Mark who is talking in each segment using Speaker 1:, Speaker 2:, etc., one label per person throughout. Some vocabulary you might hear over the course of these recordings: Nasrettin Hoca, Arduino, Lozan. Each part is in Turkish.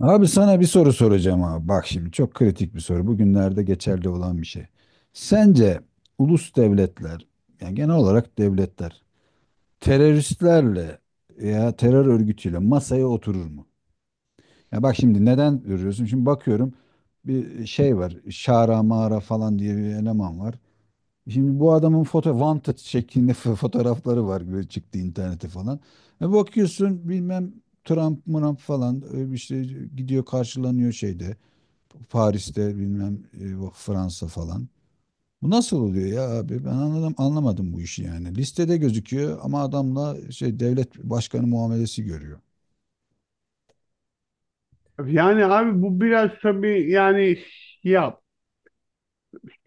Speaker 1: Abi sana bir soru soracağım abi. Bak şimdi çok kritik bir soru. Bugünlerde geçerli olan bir şey. Sence ulus devletler, yani genel olarak devletler, teröristlerle veya terör örgütüyle masaya oturur mu? Ya bak şimdi neden görüyorsun? Şimdi bakıyorum bir şey var. Şara Mara falan diye bir eleman var. Şimdi bu adamın foto wanted şeklinde fotoğrafları var böyle çıktı internete falan. E bakıyorsun bilmem Trump falan işte gidiyor karşılanıyor şeyde. Paris'te bilmem Fransa falan. Bu nasıl oluyor ya abi? Ben anladım, anlamadım bu işi yani. Listede gözüküyor ama adamla şey devlet başkanı muamelesi görüyor.
Speaker 2: Yani abi bu biraz tabii yani ya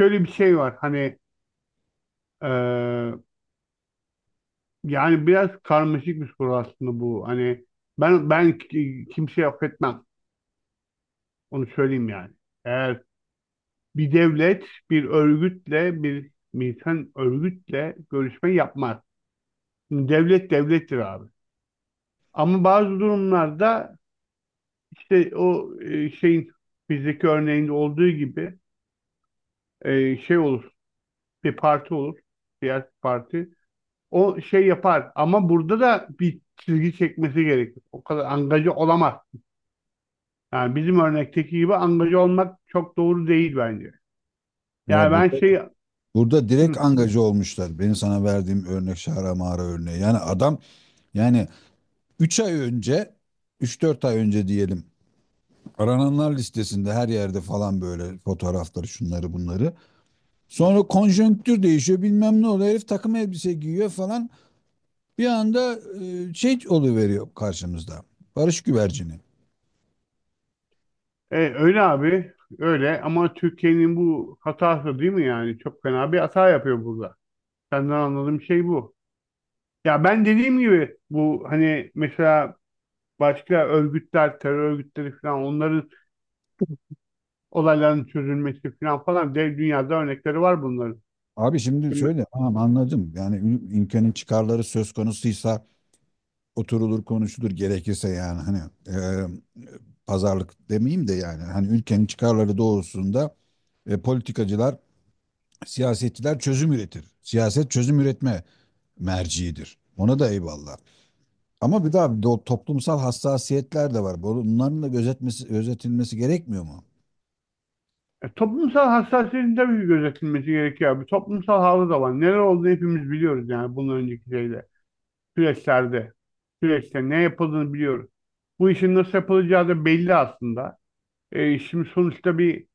Speaker 2: şöyle bir şey var hani e, yani biraz karmaşık bir soru aslında bu hani ben kimseyi affetmem, onu söyleyeyim yani. Eğer bir devlet bir örgütle, bir militan örgütle görüşme yapmaz. Şimdi devlet devlettir abi, ama bazı durumlarda işte o şeyin bizdeki örneğinde olduğu gibi şey olur, bir parti olur, siyasi parti o şey yapar, ama burada da bir çizgi çekmesi gerekir. O kadar angaje olamaz. Yani bizim örnekteki gibi angaje olmak çok doğru değil bence. Yani
Speaker 1: Ya
Speaker 2: ben
Speaker 1: burada
Speaker 2: şey
Speaker 1: burada direkt angaja olmuşlar. Benim sana verdiğim örnek şahra mağara örneği. Yani adam yani 3 ay önce 3-4 ay önce diyelim arananlar listesinde her yerde falan böyle fotoğrafları şunları bunları. Sonra konjonktür değişiyor bilmem ne oluyor. Herif takım elbise giyiyor falan. Bir anda şey oluveriyor karşımızda. Barış güvercini.
Speaker 2: öyle abi, öyle. Ama Türkiye'nin bu hatası değil mi yani? Çok fena bir hata yapıyor burada. Senden anladığım şey bu. Ya ben dediğim gibi, bu hani mesela başka örgütler, terör örgütleri falan, onların olayların çözülmesi falan falan, dünyada örnekleri var bunların.
Speaker 1: Abi şimdi söyle tamam anladım. Yani ülkenin çıkarları söz konusuysa oturulur konuşulur gerekirse yani hani e, pazarlık demeyeyim de yani hani ülkenin çıkarları doğrusunda politikacılar, siyasetçiler çözüm üretir. Siyaset çözüm üretme merciidir. Ona da eyvallah. Ama bir daha bir toplumsal hassasiyetler de var. Bunların da gözetmesi, gözetilmesi gerekmiyor mu?
Speaker 2: Toplumsal hassasiyetin tabii ki gözetilmesi gerekiyor. Bir toplumsal halı da var. Neler olduğunu hepimiz biliyoruz yani. Bunun önceki şeyde, süreçlerde, süreçte ne yapıldığını biliyoruz. Bu işin nasıl yapılacağı da belli aslında. Şimdi sonuçta bir,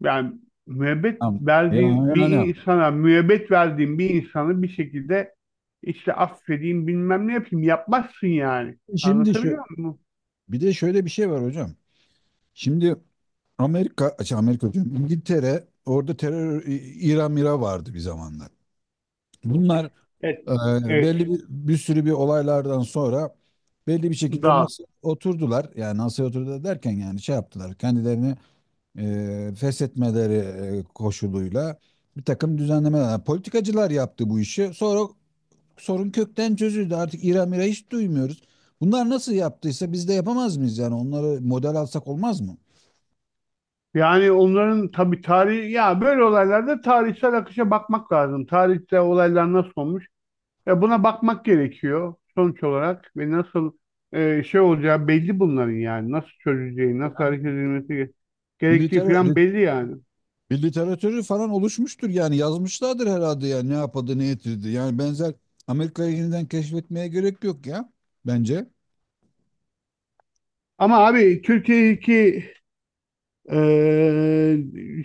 Speaker 2: yani müebbet
Speaker 1: Tamam.
Speaker 2: verdiğin
Speaker 1: Yani,
Speaker 2: bir
Speaker 1: yani.
Speaker 2: insana, müebbet verdiğin bir insanı bir şekilde işte affedeyim bilmem ne yapayım, yapmazsın yani.
Speaker 1: Şimdi şu,
Speaker 2: Anlatabiliyor muyum?
Speaker 1: bir de şöyle bir şey var hocam. Şimdi Amerika, şey Amerika diyorum, İngiltere orada terör İran Mira vardı bir zamanlar. Bunlar
Speaker 2: Evet.
Speaker 1: belli
Speaker 2: Evet.
Speaker 1: bir, bir sürü bir olaylardan sonra belli bir şekilde
Speaker 2: Daha,
Speaker 1: masaya oturdular. Yani masaya oturdu derken yani şey yaptılar. Kendilerini feshetmeleri koşuluyla bir takım düzenlemeler. Yani politikacılar yaptı bu işi. Sonra sorun kökten çözüldü. Artık İra mira hiç duymuyoruz. Bunlar nasıl yaptıysa biz de yapamaz mıyız? Yani onları model alsak olmaz mı?
Speaker 2: yani onların tabii tarihi, ya böyle olaylarda tarihsel akışa bakmak lazım. Tarihte olaylar nasıl olmuş? Ya buna bakmak gerekiyor sonuç olarak, ve nasıl şey olacağı belli bunların yani. Nasıl çözüleceği, nasıl
Speaker 1: Yani
Speaker 2: hareket
Speaker 1: bir,
Speaker 2: edilmesi gerektiği
Speaker 1: liter-
Speaker 2: falan belli yani.
Speaker 1: bir literatürü falan oluşmuştur yani yazmışlardır herhalde yani ne yapadı ne getirdi. Yani benzer Amerika'yı yeniden keşfetmeye gerek yok ya bence.
Speaker 2: Ama abi Türkiye'deki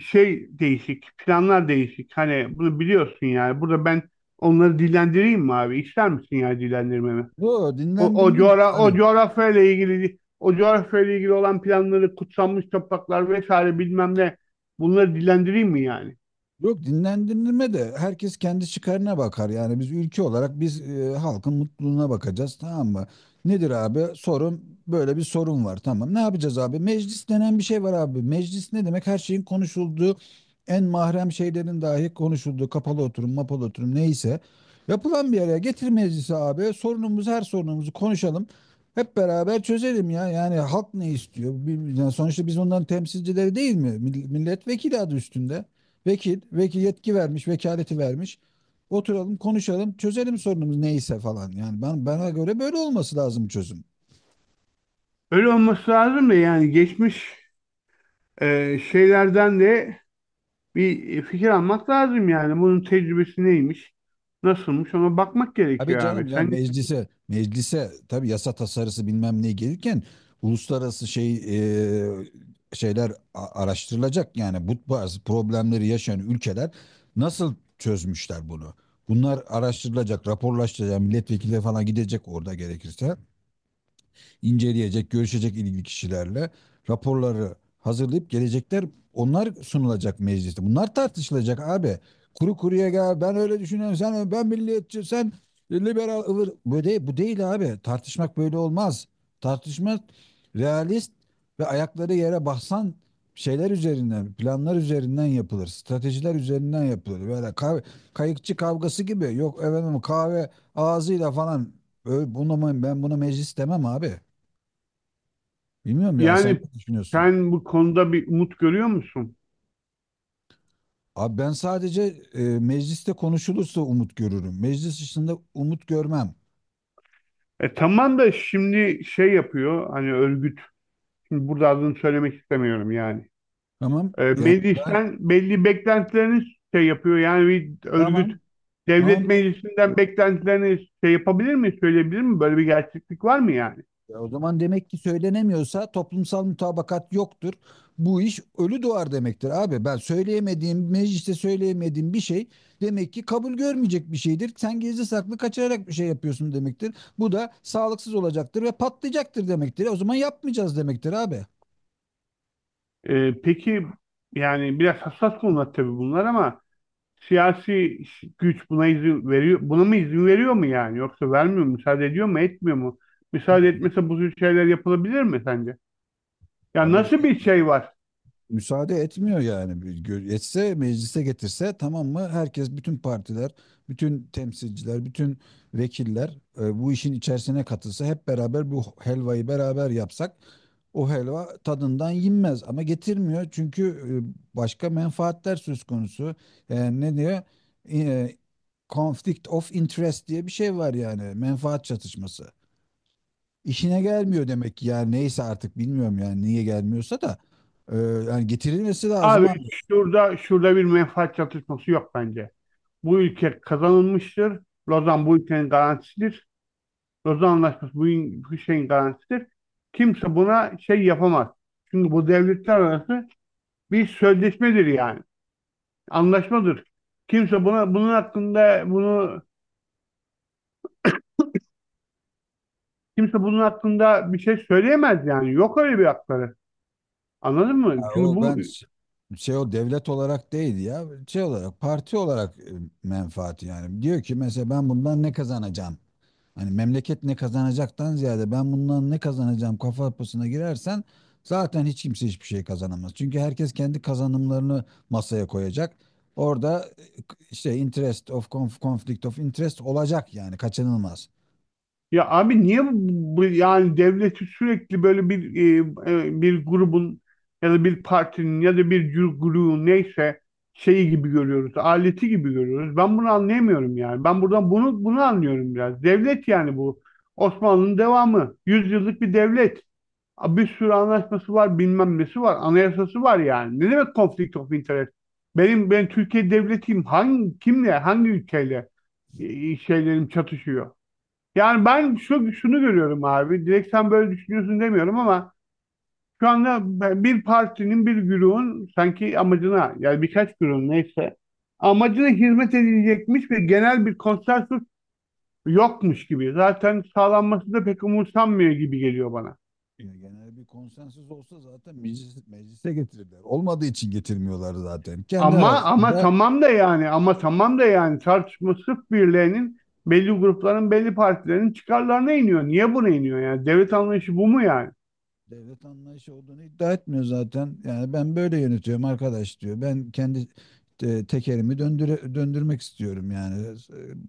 Speaker 2: şey değişik, planlar değişik. Hani bunu biliyorsun yani. Burada ben onları dillendireyim mi abi? İster misin yani dillendirmemi?
Speaker 1: Yo dinlendirme de
Speaker 2: O
Speaker 1: hani
Speaker 2: coğrafyayla ilgili, o coğrafyayla ilgili olan planları, kutsanmış topraklar vesaire bilmem ne, bunları dillendireyim mi yani?
Speaker 1: Yok dinlendirme de herkes kendi çıkarına bakar. Yani biz ülke olarak biz halkın mutluluğuna bakacağız tamam mı? Nedir abi? Sorun böyle bir sorun var tamam. Ne yapacağız abi? Meclis denen bir şey var abi. Meclis ne demek? Her şeyin konuşulduğu en mahrem şeylerin dahi konuşulduğu kapalı oturum, mapalı oturum neyse yapılan bir araya getir meclisi abi. Sorunumuz her sorunumuzu konuşalım. Hep beraber çözelim ya. Yani halk ne istiyor? Yani sonuçta biz onların temsilcileri değil mi? Milletvekili adı üstünde. Vekil yetki vermiş, vekaleti vermiş. Oturalım, konuşalım, çözelim sorunumuz neyse falan. Yani ben bana göre böyle olması lazım çözüm.
Speaker 2: Öyle olması lazım da yani geçmiş şeylerden de bir fikir almak lazım yani. Bunun tecrübesi neymiş? Nasılmış? Ona bakmak
Speaker 1: Abi
Speaker 2: gerekiyor
Speaker 1: canım
Speaker 2: abi.
Speaker 1: ya
Speaker 2: Sen,
Speaker 1: meclise tabii yasa tasarısı bilmem ne gelirken uluslararası şey e, şeyler araştırılacak. Yani bu bazı problemleri yaşayan ülkeler nasıl çözmüşler bunu? Bunlar araştırılacak, raporlaştırılacak, milletvekili falan gidecek orada gerekirse, inceleyecek, görüşecek ilgili kişilerle raporları hazırlayıp gelecekler onlar sunulacak mecliste. Bunlar tartışılacak abi. Kuru kuruya gel ben öyle düşünüyorum sen ben milliyetçi sen liberal ıvır. Bu değil, bu değil abi. Tartışmak böyle olmaz. Tartışmak realist ve ayakları yere basan şeyler üzerinden, planlar üzerinden yapılır. Stratejiler üzerinden yapılır. Böyle kayıkçı kavgası gibi. Yok efendim kahve ağzıyla falan. Bunu, ben buna meclis demem abi. Bilmiyorum yani sen
Speaker 2: yani
Speaker 1: ne düşünüyorsun?
Speaker 2: sen bu konuda bir umut görüyor musun?
Speaker 1: Abi ben sadece mecliste konuşulursa umut görürüm. Meclis dışında umut görmem.
Speaker 2: E tamam da şimdi şey yapıyor hani örgüt. Şimdi burada adını söylemek istemiyorum yani.
Speaker 1: Tamam. Yani ben
Speaker 2: Meclisten belli beklentilerini şey yapıyor. Yani bir örgüt
Speaker 1: tamam.
Speaker 2: devlet
Speaker 1: Tamam.
Speaker 2: meclisinden beklentilerini şey yapabilir mi, söyleyebilir mi? Böyle bir gerçeklik var mı yani?
Speaker 1: Ya o zaman demek ki söylenemiyorsa toplumsal mutabakat yoktur. Bu iş ölü doğar demektir abi. Ben söyleyemediğim, mecliste söyleyemediğim bir şey demek ki kabul görmeyecek bir şeydir. Sen gizli saklı kaçırarak bir şey yapıyorsun demektir. Bu da sağlıksız olacaktır ve patlayacaktır demektir. O zaman yapmayacağız demektir abi.
Speaker 2: Peki yani biraz hassas konular tabii bunlar, ama siyasi güç buna izin veriyor, buna mı izin veriyor mu yani? Yoksa vermiyor mu, müsaade ediyor mu, etmiyor mu? Müsaade
Speaker 1: Ya,
Speaker 2: etmese bu tür şeyler yapılabilir mi sence? Ya
Speaker 1: abi
Speaker 2: nasıl bir şey var?
Speaker 1: müsaade etmiyor yani. Etse meclise getirse tamam mı? Herkes bütün partiler, bütün temsilciler, bütün vekiller bu işin içerisine katılsa hep beraber bu helvayı beraber yapsak o helva tadından yenmez ama getirmiyor çünkü başka menfaatler söz konusu. Yani ne diyor? E, Conflict of interest diye bir şey var yani menfaat çatışması. İşine gelmiyor demek ki yani neyse artık bilmiyorum yani niye gelmiyorsa da yani getirilmesi lazım
Speaker 2: Abi
Speaker 1: abi.
Speaker 2: şurada bir menfaat çatışması yok bence. Bu ülke kazanılmıştır. Lozan bu ülkenin garantisidir. Lozan Anlaşması bu şeyin garantisidir. Kimse buna şey yapamaz. Çünkü bu devletler arası bir sözleşmedir yani. Anlaşmadır. Kimse buna bunun hakkında bunu Kimse bunun hakkında bir şey söyleyemez yani. Yok öyle bir hakları. Anladın mı?
Speaker 1: Ya
Speaker 2: Çünkü
Speaker 1: o
Speaker 2: bu,
Speaker 1: ben şey o devlet olarak değil ya şey olarak parti olarak menfaati yani diyor ki mesela ben bundan ne kazanacağım? Hani memleket ne kazanacaktan ziyade ben bundan ne kazanacağım kafa yapısına girersen zaten hiç kimse hiçbir şey kazanamaz. Çünkü herkes kendi kazanımlarını masaya koyacak. Orada işte conflict of interest olacak yani kaçınılmaz.
Speaker 2: ya abi niye bu yani devleti sürekli böyle bir, bir grubun ya da bir partinin ya da bir grubun neyse şeyi gibi görüyoruz, aleti gibi görüyoruz. Ben bunu anlayamıyorum yani. Ben buradan bunu anlıyorum biraz. Devlet yani bu. Osmanlı'nın devamı. Yüzyıllık bir devlet. A, bir sürü anlaşması var, bilmem nesi var, anayasası var yani. Ne demek conflict of interest? Benim, ben Türkiye devletiyim. Hangi kimle, hangi ülkeyle e, şeylerim çatışıyor? Yani ben şu, şunu görüyorum abi. Direkt sen böyle düşünüyorsun demiyorum, ama şu anda bir partinin, bir grubun sanki amacına, yani birkaç grubun neyse amacına hizmet edilecekmiş ve genel bir konsensus yokmuş gibi. Zaten sağlanması da pek umursanmıyor gibi geliyor bana.
Speaker 1: Ya genel bir konsensüs olsa zaten meclise getirirler. Olmadığı için getirmiyorlar zaten. Kendi
Speaker 2: Ama ama
Speaker 1: aralarında
Speaker 2: tamam da yani ama tamam da yani, tartışma sırf birilerinin, belli grupların, belli partilerin çıkarlarına iniyor. Niye buna iniyor yani? Devlet anlayışı bu mu yani?
Speaker 1: devlet anlayışı olduğunu iddia etmiyor zaten. Yani ben böyle yönetiyorum arkadaş diyor. Ben kendi tekerimi döndürmek istiyorum yani.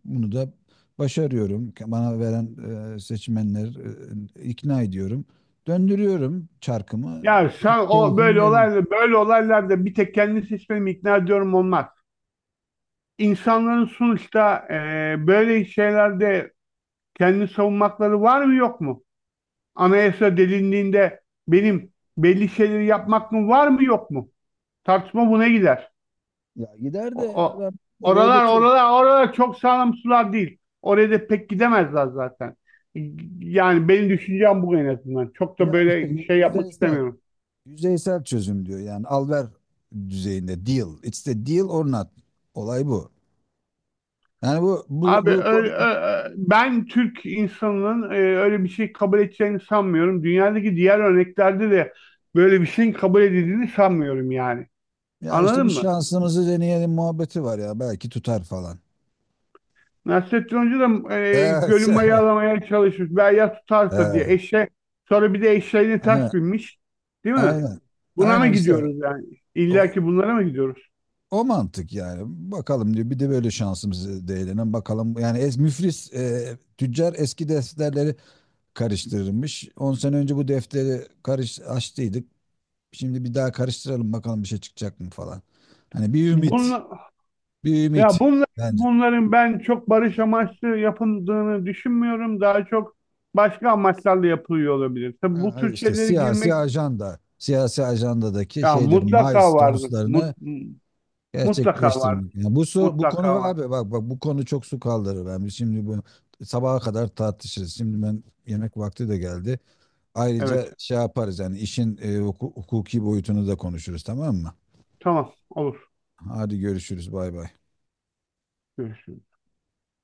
Speaker 1: Bunu da başarıyorum. Bana veren seçmenler ikna ediyorum. Döndürüyorum çarkımı.
Speaker 2: Ya sen, o
Speaker 1: Keyfim
Speaker 2: böyle
Speaker 1: yerine.
Speaker 2: olaylar, böyle olaylarda bir tek kendini seçmemi ikna ediyorum olmaz. İnsanların sonuçta böyle şeylerde kendini savunmakları var mı yok mu? Anayasa delindiğinde benim belli şeyleri yapmak mı var mı yok mu? Tartışma buna gider.
Speaker 1: Ya gider de
Speaker 2: O, o-
Speaker 1: adam oraya
Speaker 2: Oralar,
Speaker 1: götürür.
Speaker 2: oralar çok sağlam sular değil. Oraya da pek gidemezler zaten. Yani benim düşüncem bu en azından. Çok da
Speaker 1: Ya işte
Speaker 2: böyle şey
Speaker 1: yüzde
Speaker 2: yapmak
Speaker 1: ister.
Speaker 2: istemiyorum.
Speaker 1: Yüzeysel çözüm diyor. Yani al ver düzeyinde deal. It's the deal or not. Olay bu. Yani
Speaker 2: Abi öyle, ben Türk insanının öyle bir şey kabul edeceğini sanmıyorum. Dünyadaki diğer örneklerde de böyle bir şeyin kabul edildiğini sanmıyorum yani.
Speaker 1: ya işte
Speaker 2: Anladın
Speaker 1: bir
Speaker 2: mı?
Speaker 1: şansımızı deneyelim muhabbeti var ya belki tutar falan.
Speaker 2: Nasrettin Hoca da
Speaker 1: Evet.
Speaker 2: gölü mayalamaya çalışmış. Ben ya tutarsa diye,
Speaker 1: Evet.
Speaker 2: eşe sonra bir de eşeğine
Speaker 1: Ha,
Speaker 2: ters binmiş. Değil mi?
Speaker 1: aynen.
Speaker 2: Buna mı
Speaker 1: Aynen işte
Speaker 2: gidiyoruz yani?
Speaker 1: o,
Speaker 2: İlla ki bunlara mı gidiyoruz?
Speaker 1: o mantık yani. Bakalım diyor bir de böyle şansımızı değinelim bakalım. Yani müflis tüccar eski defterleri karıştırırmış. 10 sene önce bu defteri karış açtıydık. Şimdi bir daha karıştıralım bakalım bir şey çıkacak mı falan. Hani
Speaker 2: Bunun,
Speaker 1: bir
Speaker 2: ya
Speaker 1: ümit
Speaker 2: bunların,
Speaker 1: bence.
Speaker 2: bunların ben çok barış amaçlı yapıldığını düşünmüyorum. Daha çok başka amaçlarla yapılıyor olabilir. Tabii bu
Speaker 1: Ha,
Speaker 2: tür
Speaker 1: İşte
Speaker 2: şeylere
Speaker 1: siyasi
Speaker 2: girmek,
Speaker 1: siyasi ajandadaki
Speaker 2: ya
Speaker 1: şeyleri,
Speaker 2: mutlaka vardır. Mut,
Speaker 1: milestones'larını
Speaker 2: mutlaka vardır,
Speaker 1: gerçekleştirmek. Yani bu
Speaker 2: Mutlaka
Speaker 1: konu
Speaker 2: var.
Speaker 1: abi bak bak bu konu çok su kaldırır. Yani biz şimdi bu sabaha kadar tartışırız. Şimdi ben yemek vakti de geldi. Ayrıca
Speaker 2: Evet.
Speaker 1: şey yaparız yani işin hukuki boyutunu da konuşuruz tamam mı?
Speaker 2: Tamam. Olur.
Speaker 1: Hadi görüşürüz bay bay.
Speaker 2: Görüşürüz.